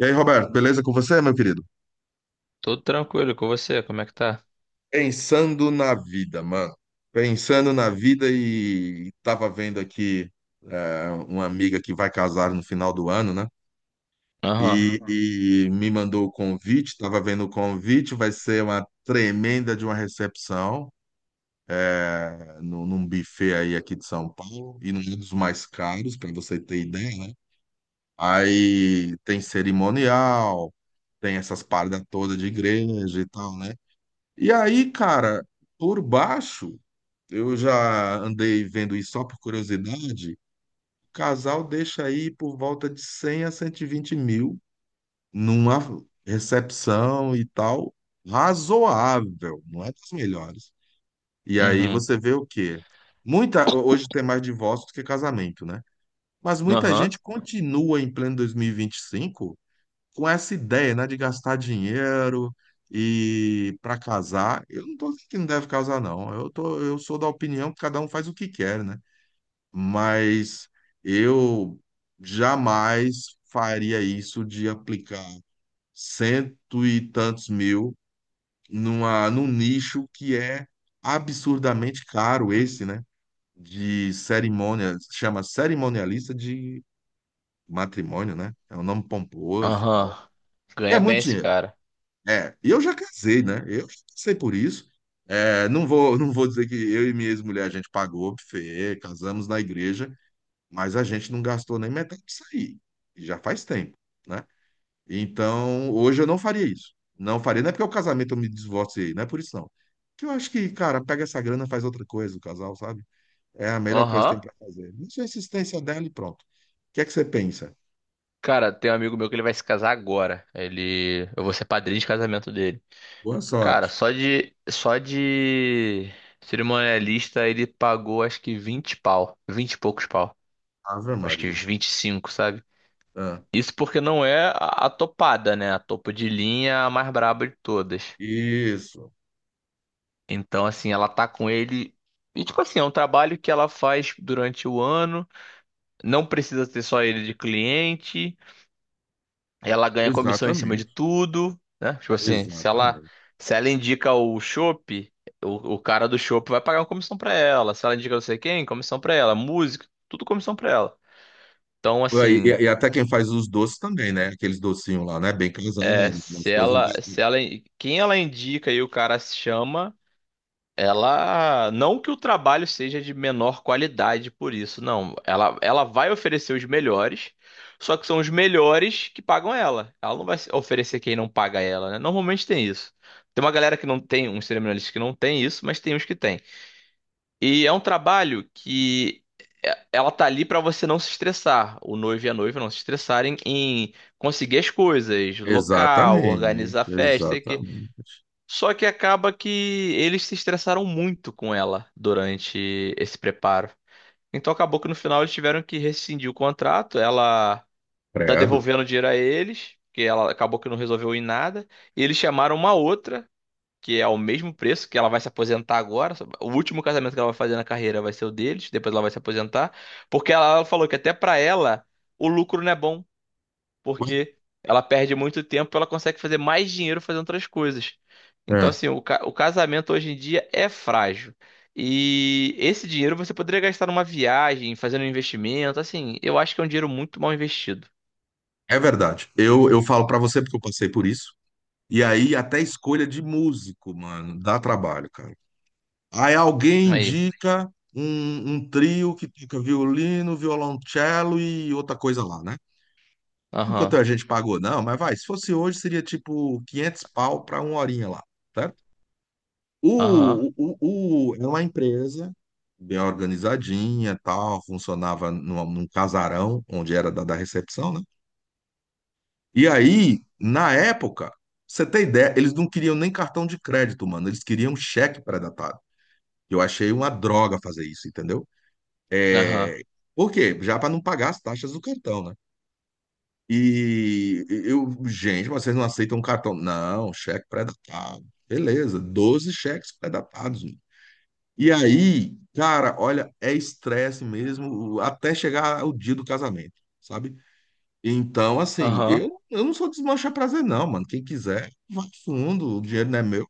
E aí, Roberto, beleza com você, meu querido? Tudo tranquilo com você? Como é que tá? Pensando na vida, mano. Pensando na vida e tava vendo aqui uma amiga que vai casar no final do ano, né? Aham. E, uhum, me mandou o convite, tava vendo o convite, vai ser uma tremenda de uma recepção num buffet aí aqui de São Paulo e num dos mais caros, para você ter ideia, né? Aí tem cerimonial, tem essas paradas todas de igreja e tal, né? E aí, cara, por baixo, eu já andei vendo isso só por curiosidade. O casal deixa aí por volta de 100 a 120 mil numa recepção e tal, razoável, não é das melhores. E aí Uhum. você vê o quê? Muita, hoje tem mais divórcio do que casamento, né? Mas muita Aham. gente continua em pleno dois mil e vinte e cinco com essa ideia, né, de gastar dinheiro e para casar, eu não tô dizendo que não deve casar, não. Eu sou da opinião que cada um faz o que quer, né? Mas eu jamais faria isso de aplicar cento e tantos mil num nicho que é absurdamente caro esse, né? De cerimônia, chama cerimonialista de matrimônio, né? É um nome pomposo, e tal. Aham. É Ganha bem muito esse dinheiro. cara. É, e eu já casei, né? Eu já passei por isso. Não vou dizer que eu e minha ex-mulher a gente pagou buffet, casamos na igreja, mas a gente não gastou nem metade disso aí. E já faz tempo, né? Então, hoje eu não faria isso. Não faria. Não é porque o casamento eu me divorciei, não é por isso não. Que eu acho que, cara, pega essa grana, faz outra coisa, o casal, sabe? É a melhor coisa que tem Aham. pra fazer. Isso é a insistência dela e pronto. O que é que você pensa? Cara, tem um amigo meu que ele vai se casar agora. Ele, eu vou ser padrinho de casamento dele. Boa Cara, sorte. só de cerimonialista ele pagou acho que 20 pau, 20 e poucos pau. Ave Acho que uns Maria. 25, sabe? Ah, Isso porque não é a topada, né? A topo de linha a mais braba de todas. isso. Então, assim, ela tá com ele. E, tipo assim, é um trabalho que ela faz durante o ano, não precisa ter só ele de cliente, ela ganha comissão em cima de Exatamente. tudo, né? Tipo assim, se ela, Exatamente. se ela indica o chopp, o cara do chopp vai pagar uma comissão pra ela. Se ela indica não sei quem, comissão pra ela. Música, tudo comissão pra ela. Então, Pô, aí, assim, e até quem faz os doces também, né? Aqueles docinhos lá, né? Bem casado, é, umas se coisas lá. ela, se ela, quem ela indica e o cara se chama. Ela, não que o trabalho seja de menor qualidade por isso, não. Ela vai oferecer os melhores, só que são os melhores que pagam ela. Ela não vai se- oferecer quem não paga ela, né? Normalmente tem isso. Tem uma galera que não tem, uns cerimonialistas que não tem isso, mas tem uns que tem. E é um trabalho que ela tá ali pra você não se estressar, o noivo e a noiva não se estressarem em conseguir as coisas, local, Exatamente, organizar festa, exatamente. só que acaba que eles se estressaram muito com ela durante esse preparo. Então acabou que no final eles tiveram que rescindir o contrato. Ela tá Credo. devolvendo dinheiro a eles, porque ela acabou que não resolveu em nada. E eles chamaram uma outra, que é ao mesmo preço, que ela vai se aposentar agora. O último casamento que ela vai fazer na carreira vai ser o deles, depois ela vai se aposentar, porque ela falou que até pra ela o lucro não é bom Ué, porque ela perde muito tempo, ela consegue fazer mais dinheiro fazendo outras coisas. Então, É, assim, o, ca- o casamento hoje em dia é frágil. E esse dinheiro você poderia gastar numa viagem, fazendo um investimento, assim, eu acho que é um dinheiro muito mal investido. é verdade. Eu falo pra você porque eu passei por isso. E aí, até escolha de músico, mano, dá trabalho, cara. Aí alguém Aí. indica um trio que toca violino, violoncelo e outra coisa lá, né? Enquanto Aham, a gente pagou, não, mas vai, se fosse hoje, seria tipo 500 pau pra uma horinha lá. aham, Era uma empresa bem organizadinha, tal, funcionava num casarão onde era da recepção, né? E aí, na época, você tem ideia, eles não queriam nem cartão de crédito, mano, eles queriam cheque pré-datado. Eu achei uma droga fazer isso, entendeu? aham, É, por quê? Já para não pagar as taxas do cartão, né? E eu, gente, mas vocês não aceitam cartão? Não, cheque pré-datado. Beleza, 12 cheques pré-datados. E aí, cara, olha, é estresse mesmo até chegar o dia do casamento, sabe? Então, assim, aham. eu não sou desmanchar prazer, não, mano. Quem quiser, vai fundo, o dinheiro não é meu.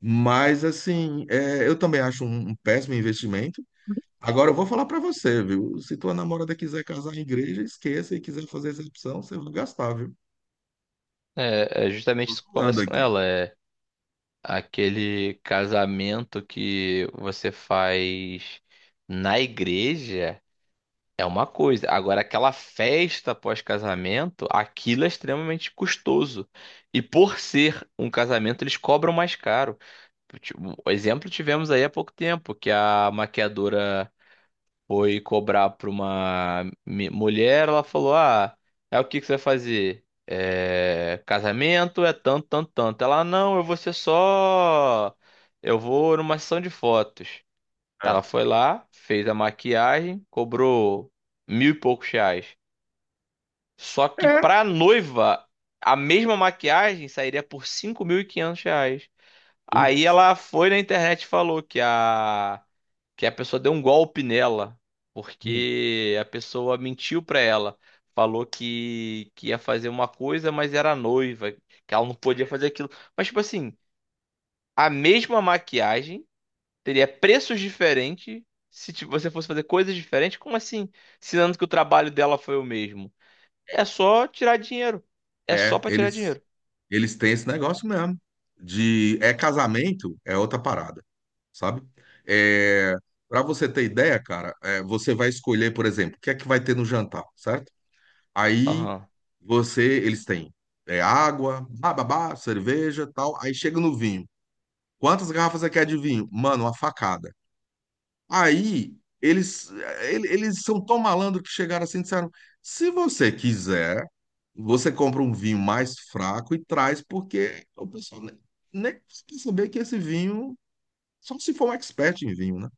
Mas, assim, eu também acho um péssimo investimento. Agora, eu vou falar pra você, viu? Se tua namorada quiser casar em igreja, esqueça e quiser fazer excepção, você vai gastar, viu? É justamente Tô isso que eu zoando converso com aqui. ela. É aquele casamento que você faz na igreja. É uma coisa. Agora, aquela festa pós-casamento, aquilo é extremamente custoso. E por ser um casamento, eles cobram mais caro. Tipo, o exemplo tivemos aí há pouco tempo, que a maquiadora foi cobrar para uma mulher. Ela falou: "Ah, é o que que você vai fazer?" "É, casamento é tanto, tanto, tanto." Ela: "Não, eu vou ser só. Eu vou numa sessão de fotos." Ela É. foi lá, fez a maquiagem, cobrou mil e poucos reais. Só que É. pra noiva, a mesma maquiagem sairia por 5.500 reais. Aí Putz. ela foi na internet e falou que a pessoa deu um golpe nela, Hum. porque a pessoa mentiu pra ela. Falou que ia fazer uma coisa, mas era noiva, que ela não podia fazer aquilo. Mas, tipo assim, a mesma maquiagem teria preços diferentes se você fosse fazer coisas diferentes. Como assim? Sinando que o trabalho dela foi o mesmo. É, É só tirar dinheiro. É só é, pra tirar eles dinheiro. Eles têm esse negócio mesmo de é casamento, é outra parada, sabe? É, para você ter ideia, cara, você vai escolher, por exemplo, o que é que vai ter no jantar, certo? Aí Aham, você, eles têm água, bababá, cerveja, tal. Aí chega no vinho. Quantas garrafas você quer de vinho? Mano, uma facada. Aí eles, ele- eles são tão malandros que chegaram assim e disseram: se você quiser, você compra um vinho mais fraco e traz, porque o pessoal nem precisa saber que esse vinho, só se for um expert em vinho, né?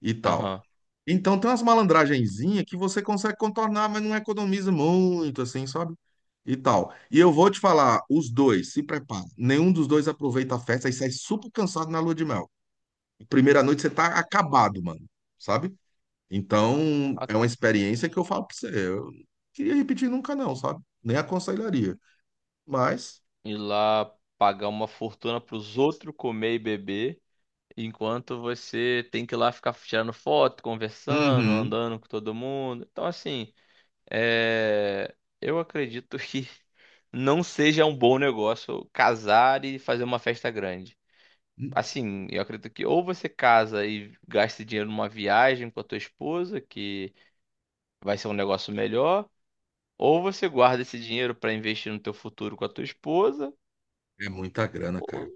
E tal. aham. Então tem umas malandragenzinhas que você consegue contornar, mas não economiza muito, assim, sabe? E tal. E eu vou te falar, os dois, se prepara. Nenhum dos dois aproveita a festa e sai super cansado na lua de mel. Primeira noite você tá acabado, mano. Sabe? Então, A- é uma experiência que eu falo pra você. Eu não queria repetir nunca, não, sabe? Nem aconselharia. Mas, Ir lá pagar uma fortuna pros outros comer e beber, enquanto você tem que ir lá ficar tirando foto, conversando, uhum, andando com todo mundo. Então, assim, é... eu acredito que não seja um bom negócio casar e fazer uma festa grande. Assim, eu acredito que ou você casa e gasta dinheiro numa viagem com a tua esposa, que vai ser um negócio melhor, ou você guarda esse dinheiro para investir no teu futuro com a tua esposa, é muita grana, ou cara.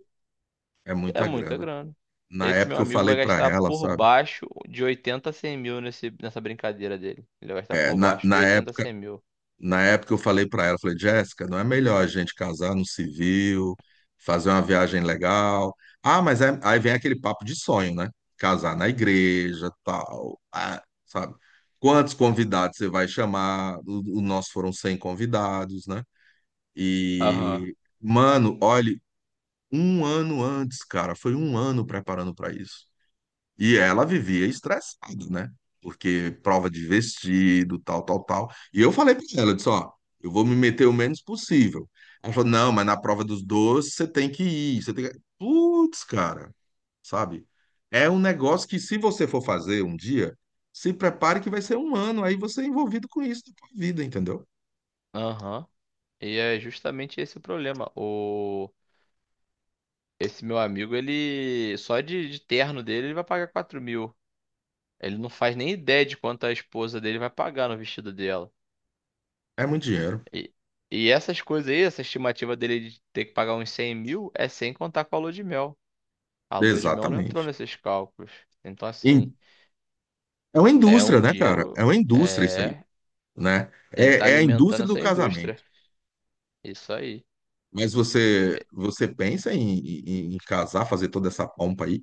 É é muita muita grana. grana. Na Esse meu época eu amigo falei vai pra gastar ela, por sabe? baixo de 80.000 a 100.000 nessa brincadeira dele. Ele vai gastar É, por na, baixo na de 80.000 a 100.000. Na época eu falei para ela, falei, Jéssica, não é melhor a gente casar no civil, fazer uma viagem legal? Ah, mas aí vem aquele papo de sonho, né? Casar na igreja, tal, ah, sabe? Quantos convidados você vai chamar? O nosso foram 100 convidados, né? Aham. E, mano, olha, um ano antes, cara, foi um ano preparando para isso. E ela vivia estressada, né? Porque prova de vestido, tal, tal, tal. E eu falei para ela, eu disse, ó, eu vou me meter o menos possível. Ela falou, não, mas na prova dos doces você tem que ir, você tem que... Putz, cara, sabe? É um negócio que se você for fazer um dia, se prepare que vai ser um ano, aí você é envolvido com isso na tua vida, entendeu? Aham. E é justamente esse o problema. Esse meu amigo, ele... Só de terno dele, ele vai pagar 4.000. Ele não faz nem ideia de quanto a esposa dele vai pagar no vestido dela. É muito dinheiro. E, e essas coisas aí, essa estimativa dele de ter que pagar uns 100.000 é sem contar com a lua de mel. A lua de mel não entrou Exatamente. nesses cálculos. Então, E assim, é uma é indústria, um né, cara? dinheiro. É uma indústria isso aí, É. né? Ele tá É, é a alimentando indústria do essa indústria. casamento. Isso aí. Mas você, você pensa em casar, fazer toda essa pompa aí?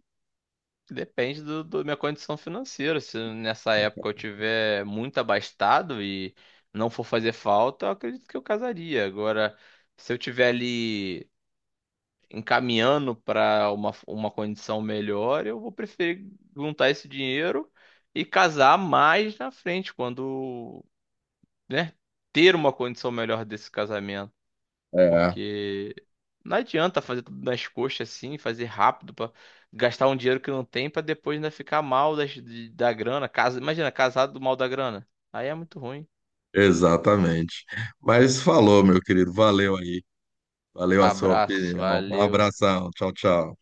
Depende do, do minha condição financeira. Se nessa época eu tiver muito abastado e não for fazer falta, eu acredito que eu casaria. Agora, se eu tiver ali encaminhando para uma condição melhor, eu vou preferir juntar esse dinheiro e casar mais na frente, quando, né, ter uma condição melhor desse casamento. É. Porque não adianta fazer tudo nas coxas assim, fazer rápido para gastar um dinheiro que não tem para depois ainda ficar mal da grana. Casa, imagina, casado do mal da grana. Aí é muito ruim. Exatamente. Mas falou, meu querido. Valeu aí. Valeu a sua Abraço, opinião. Um valeu. abração. Tchau, tchau.